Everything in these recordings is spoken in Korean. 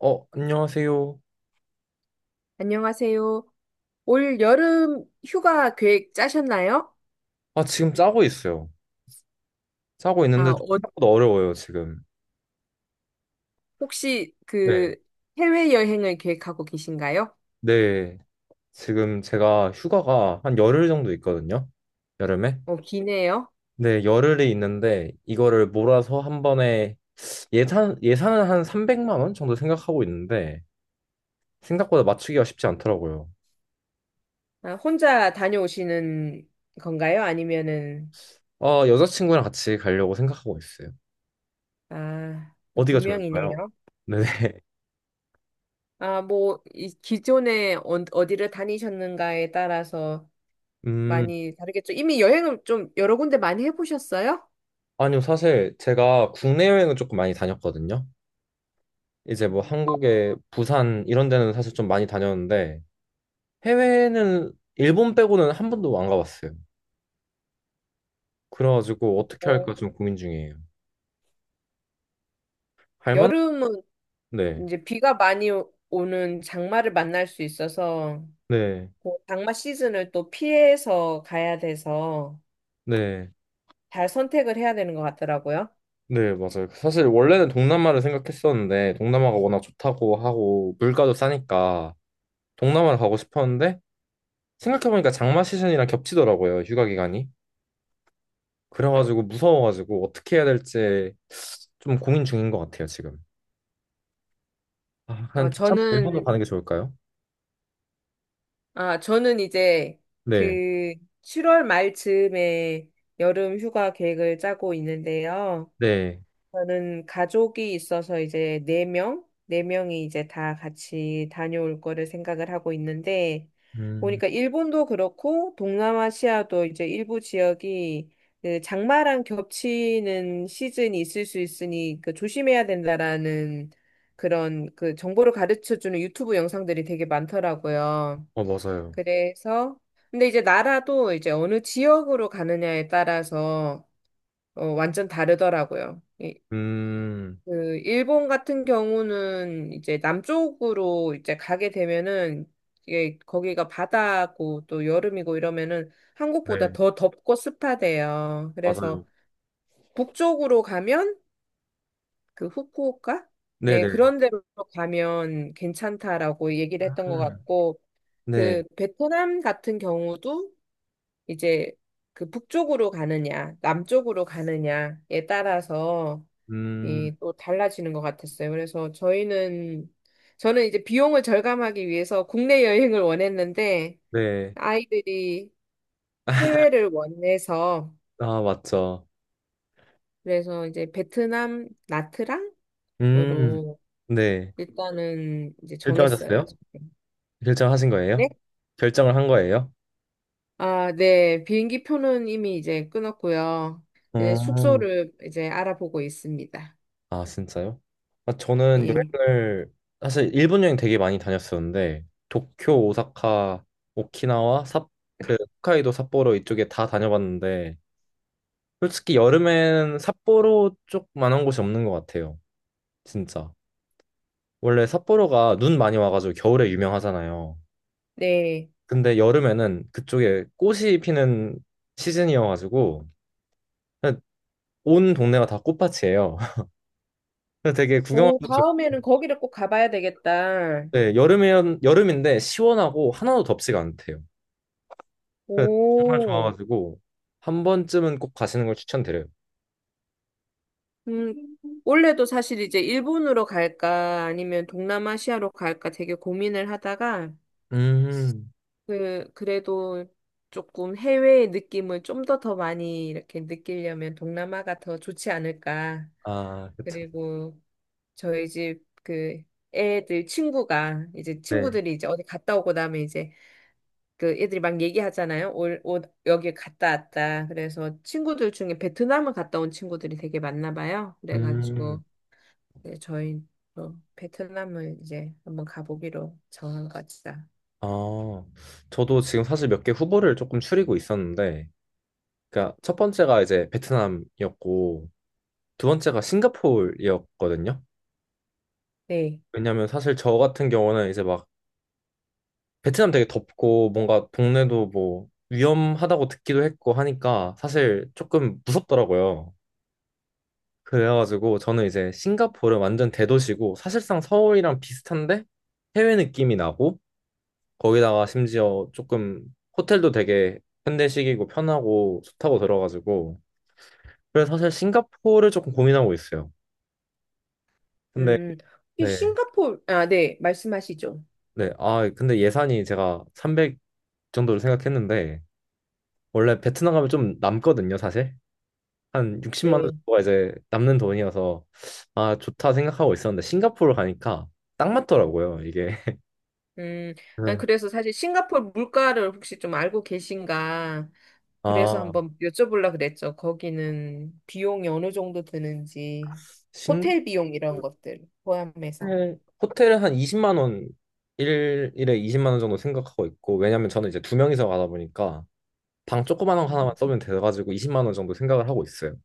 안녕하세요. 안녕하세요. 올 여름 휴가 계획 짜셨나요? 아, 지금 짜고 있어요. 짜고 아, 있는데 좀 생각보다 어려워요, 지금. 혹시 네. 그 해외여행을 계획하고 계신가요? 네. 지금 제가 휴가가 한 열흘 정도 있거든요. 여름에. 기네요. 네, 열흘이 있는데 이거를 몰아서 한 번에 예산은 한 300만 원 정도 생각하고 있는데 생각보다 맞추기가 쉽지 않더라고요. 아, 혼자 다녀오시는 건가요? 아니면은, 아, 여자친구랑 같이 가려고 생각하고 있어요. 아, 두 어디가 좋을까요? 명이네요. 네. 아, 뭐, 이 기존에 어디를 다니셨는가에 따라서 음, 많이 다르겠죠. 이미 여행을 좀 여러 군데 많이 해보셨어요? 아니요. 사실 제가 국내 여행을 조금 많이 다녔거든요. 이제 뭐 한국의 부산 이런 데는 사실 좀 많이 다녔는데 해외는 일본 빼고는 한 번도 안 가봤어요. 그래가지고 어떻게 어, 할까 좀 고민 중이에요. 할 만한? 여름은 네, 이제 비가 많이 오는 장마를 만날 수 있어서 네, 그 장마 시즌을 또 피해서 가야 돼서 네, 잘 선택을 해야 되는 것 같더라고요. 네, 맞아요. 사실 원래는 동남아를 생각했었는데 동남아가 워낙 좋다고 하고 물가도 싸니까 동남아를 가고 싶었는데 생각해보니까 장마 시즌이랑 겹치더라고요. 휴가 기간이. 그래가지고 무서워가지고 어떻게 해야 될지 좀 고민 중인 것 같아요, 지금. 아, 한 어, 다시 한번 일본으로 저는, 가는 게 좋을까요? 저는 이제 네. 그 7월 말 즈음에 여름 휴가 계획을 짜고 있는데요. 네. 저는 가족이 있어서 이제 네 명이 이제 다 같이 다녀올 거를 생각을 하고 있는데 음, 보니까 일본도 그렇고 동남아시아도 이제 일부 지역이 그 장마랑 겹치는 시즌이 있을 수 있으니 그 조심해야 된다라는 그런 그 정보를 가르쳐 주는 유튜브 영상들이 되게 많더라고요. 어, 맞아요. 그래서 근데 이제 나라도 이제 어느 지역으로 가느냐에 따라서 완전 다르더라고요. 음, 그 일본 같은 경우는 이제 남쪽으로 이제 가게 되면은 이게 거기가 바다고 또 여름이고 이러면은 한국보다 네, 더 덥고 습하대요. 맞아요. 그래서 북쪽으로 가면 그 후쿠오카? 네, 네네. 그런 데로 가면 괜찮다라고 얘기를 했던 아, 것 같고 네. 그 베트남 같은 경우도 이제 그 북쪽으로 가느냐, 남쪽으로 가느냐에 따라서 음, 이 또 달라지는 것 같았어요. 그래서 저희는 저는 이제 비용을 절감하기 위해서 국내 여행을 원했는데 네. 아이들이 해외를 원해서 아, 맞죠. 그래서 이제 베트남 나트랑으로 음, 네. 일단은 이제 정했어요. 결정하셨어요? 결정하신 거예요? 네? 결정을 한 거예요? 아, 네. 비행기 표는 이미 이제 끊었고요. 이제 어, 숙소를 이제 알아보고 있습니다. 아, 진짜요? 아, 저는 예. 여행을, 사실 일본 여행 되게 많이 다녔었는데, 도쿄, 오사카, 오키나와, 그, 홋카이도, 삿포로 이쪽에 다 다녀봤는데, 솔직히 여름엔 삿포로 쪽만한 곳이 없는 것 같아요. 진짜. 원래 삿포로가 눈 많이 와가지고 겨울에 유명하잖아요. 네. 근데 여름에는 그쪽에 꽃이 피는 시즌이어가지고 그냥 온 동네가 다 꽃밭이에요. 그래서 되게 오, 구경하기도 좋고 다음에는 거기를 꼭 가봐야 되겠다. 네, 여름에 여름인데 시원하고 하나도 덥지가 않대요. 그래서 정말 오. 좋아가지고 한 번쯤은 꼭 가시는 걸 추천드려요. 음, 원래도 사실 이제 일본으로 갈까 아니면 동남아시아로 갈까 되게 고민을 하다가 음, 그래도 조금 해외의 느낌을 좀 더 많이 이렇게 느끼려면 동남아가 더 좋지 않을까. 아, 그쵸. 그리고 저희 집 그 애들 친구가 이제 네. 친구들이 이제 어디 갔다 오고 나면 이제 그 애들이 막 얘기하잖아요. 올 여기 갔다 왔다. 그래서 친구들 중에 베트남을 갔다 온 친구들이 되게 많나 봐요. 음. 그래가지고 네, 저희 또 베트남을 이제 한번 가보기로 정한 것이다. 아, 저도 지금 사실 몇 개 후보를 조금 추리고 있었는데, 그러니까 첫 번째가 이제 베트남이었고, 두 번째가 싱가포르였거든요. 네. 왜냐면 사실 저 같은 경우는 이제 막 베트남 되게 덥고 뭔가 동네도 뭐 위험하다고 듣기도 했고 하니까 사실 조금 무섭더라고요. 그래가지고 저는 이제 싱가포르 완전 대도시고 사실상 서울이랑 비슷한데 해외 느낌이 나고 거기다가 심지어 조금 호텔도 되게 현대식이고 편하고 좋다고 들어가지고 그래서 사실 싱가포르를 조금 고민하고 있어요. 근데 음, 이 네, 싱가포르, 아, 네, 말씀하시죠. 네, 아 근데 예산이 제가 300 정도를 생각했는데 원래 베트남 가면 좀 남거든요, 사실. 한 60만 원 네. 정도가 이제 남는 돈이어서 아 좋다 생각하고 있었는데 싱가포르 가니까 딱 맞더라고요, 이게. 음, 난 그래서 그래서 사실 싱가포르 물가를 혹시 좀 알고 계신가? 그래서 아 한번 여쭤보려고 그랬죠. 거기는 비용이 어느 정도 드는지, 싱가포르 호텔 비용 이런 것들 포함해서. 호텔은 한 20만 원, 일에 20만 원 정도 생각하고 있고, 왜냐면 저는 이제 두 명이서 가다 보니까 방 조그만 거 음, 하나만 써면 돼가지고 20만 원 정도 생각을 하고 있어요.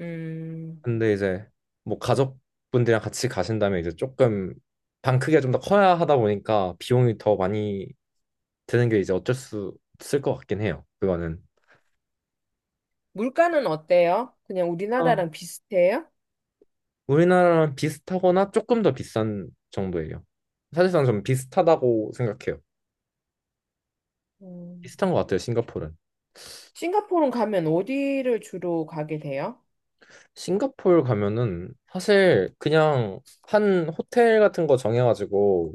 음, 근데 이제 뭐 가족분들이랑 같이 가신다면 이제 조금 방 크기가 좀 더 커야 하다 보니까 비용이 더 많이 드는 게 이제 어쩔 수 없을 것 같긴 해요. 그거는. 물가는 어때요? 그냥 그러니까 우리나라랑 비슷해요? 우리나라랑 비슷하거나 조금 더 비싼 정도예요. 사실상 좀 비슷하다고 생각해요. 음. 비슷한 것 같아요, 싱가포르는. 싱가포르 가면 어디를 주로 가게 돼요? 싱가포르 가면은 사실 그냥 한 호텔 같은 거 정해가지고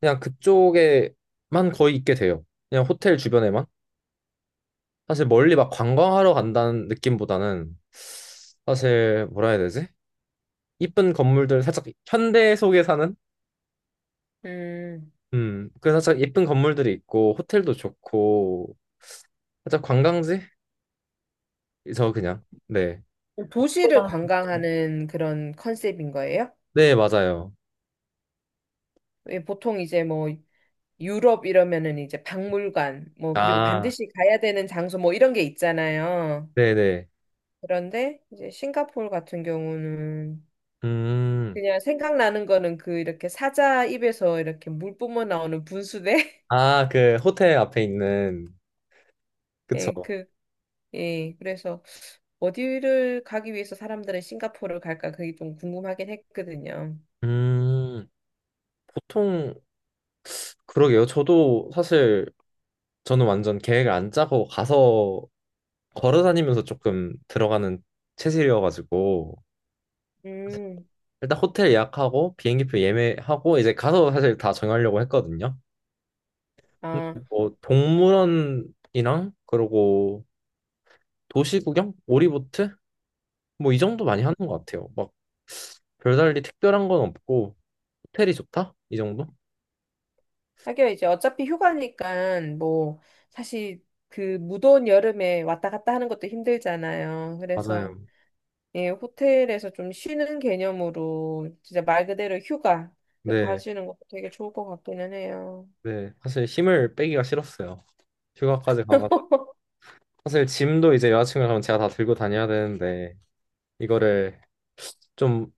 그냥 그쪽에만 거의 있게 돼요. 그냥 호텔 주변에만. 사실 멀리 막 관광하러 간다는 느낌보다는 사실 뭐라 해야 되지? 이쁜 건물들 살짝 현대 속에 사는? 음, 그 살짝 예쁜 건물들이 있고 호텔도 좋고 살짝 관광지? 저 그냥 네. 도시를 관광하는 그런 컨셉인 거예요? 네, 맞아요. 왜 보통 이제 뭐 유럽 이러면은 이제 박물관, 뭐 그리고 아, 반드시 가야 되는 장소 뭐 이런 게 있잖아요. 네네. 그런데 이제 싱가포르 같은 경우는 음. 그냥 생각나는 거는 그 이렇게 사자 입에서 이렇게 물 뿜어 나오는 분수대? 아, 그 호텔 앞에 있는 예, 그쵸? 예, 그래서 어디를 가기 위해서 사람들은 싱가포르를 갈까 그게 좀 궁금하긴 했거든요. 음, 보통 그러게요. 저도 사실 저는 완전 계획을 안 짜고 가서 걸어 다니면서 조금 들어가는 체질이어가지고 음, 일단 호텔 예약하고 비행기표 예매하고 이제 가서 사실 다 정하려고 했거든요. 근데 아, 뭐 동물원이랑 그러고 도시 구경, 오리보트 뭐 이 정도 많이 음. 하는 것 같아요. 막 별달리 특별한 건 없고 호텔이 좋다 이 정도? 하긴 이제 어차피 휴가니까 뭐 사실 그 무더운 여름에 왔다 갔다 하는 것도 힘들잖아요. 그래서 맞아요. 예, 호텔에서 좀 쉬는 개념으로 진짜 말 그대로 휴가 네. 가시는 것도 되게 좋을 것 같기는 해요. 네, 사실 힘을 빼기가 싫었어요. 휴가까지 가가 사실 짐도 이제 여자친구랑 가면 제가 다 들고 다녀야 되는데 이거를 좀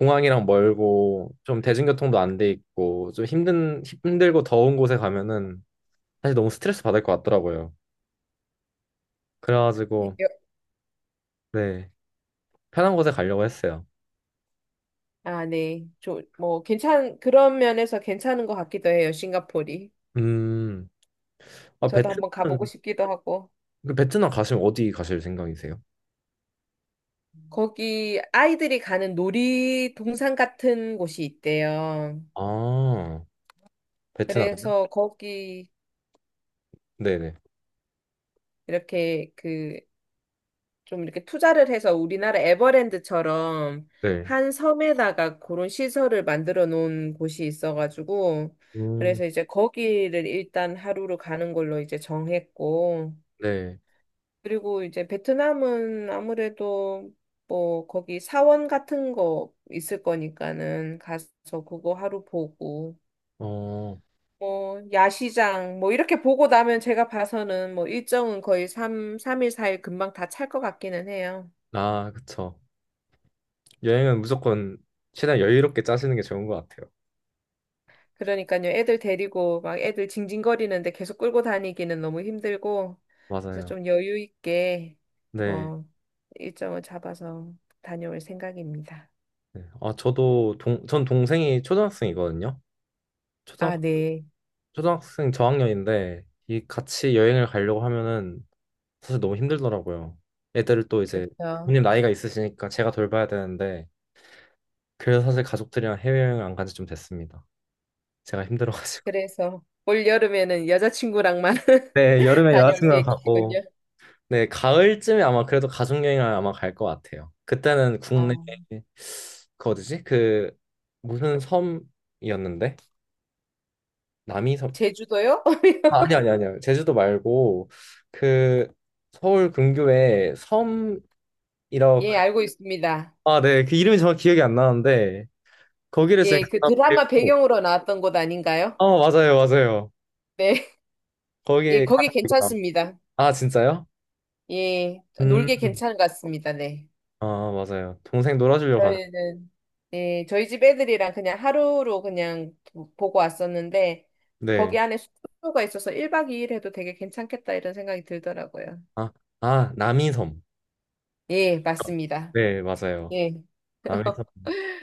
공항이랑 멀고 좀 대중교통도 안 돼 있고 좀 힘든 힘들고 더운 곳에 가면은 사실 너무 스트레스 받을 것 같더라고요. 예, 그래가지고 네 편한 곳에 가려고 했어요. 아, 네. 저, 뭐 괜찮 그런 면에서 괜찮은 것 같기도 해요. 싱가포르이. 음, 아 저도 한번 가보고 베트남 싶기도 하고. 그 베트남 가시면 어디 가실 생각이세요? 거기 아이들이 가는 놀이동산 같은 곳이 있대요. 아 베트남요? 그래서 거기 네네 이렇게 그 좀 이렇게 투자를 해서 우리나라 에버랜드처럼 네. 한 섬에다가 그런 시설을 만들어 놓은 곳이 있어가지고 음, 그래서 이제 거기를 일단 하루로 가는 걸로 이제 정했고 네. 그리고 이제 베트남은 아무래도 뭐 거기 사원 같은 거 있을 거니까는 가서 그거 하루 보고 어, 뭐 야시장 뭐 이렇게 보고 나면 제가 봐서는 뭐 일정은 거의 삼삼일사일 금방 다 찰 것 같기는 해요. 아 그쵸. 여행은 무조건 최대한 여유롭게 짜시는 게 좋은 것 같아요. 그러니까요. 애들 데리고 막 애들 징징거리는데 계속 끌고 다니기는 너무 힘들고 그래서 맞아요. 좀 여유 있게 네. 어 일정을 잡아서 다녀올 생각입니다. 네. 아, 저도 전 동생이 초등학생이거든요. 초등, 아, 네. 초등학생 저학년인데, 이 같이 여행을 가려고 하면은 사실 너무 힘들더라고요. 애들을 또 이제 그렇죠. 부모님 나이가 있으시니까 제가 돌봐야 되는데, 그래서 사실 가족들이랑 해외여행 안 간지 좀 됐습니다. 제가 힘들어가지고. 그래서 올 여름에는 여자친구랑만 네, 여름에 다녀올 여자친구랑 가고, 계획이시군요. 네, 가을쯤에 아마 그래도 가족 여행을 아마 갈 것 같아요. 그때는 국내 아, 그 어디지? 그 무슨 섬이었는데? 남이섬. 제주도요? 아, 아니 아니 아니요. 제주도 말고 그 서울 근교에 섬이라고 그- 예, 알고 있습니다. 아, 네. 그 이름이 정확히 기억이 안 나는데 거기를 지금 예, 그 갔다 드라마 오고 배경으로 나왔던 곳 아닌가요? 아, 맞아요. 맞아요. 네. 예, 거기 거기 가다 보니까- 괜찮습니다. 아, 진짜요? 예, 음. 놀기 괜찮은 것 같습니다. 네. 아, 맞아요. 동생 놀아주려고 가는. 저희는, 예, 저희 집 애들이랑 그냥 하루로 그냥 보고 왔었는데, 네. 거기 안에 숙소가 있어서 1박 2일 해도 되게 괜찮겠다 이런 생각이 들더라고요. 아, 아, 남이섬. 예, 맞습니다. 네, 맞아요. 예. 남이섬.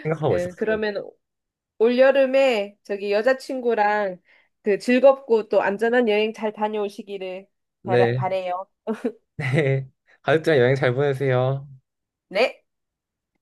생각하고 그, 있었어요. 그러면 올여름에 저기 여자친구랑 그 즐겁고 또 안전한 여행 잘 다녀오시기를 바라, 네. 바래요. 네. 가족들이랑 여행 잘 보내세요. 네.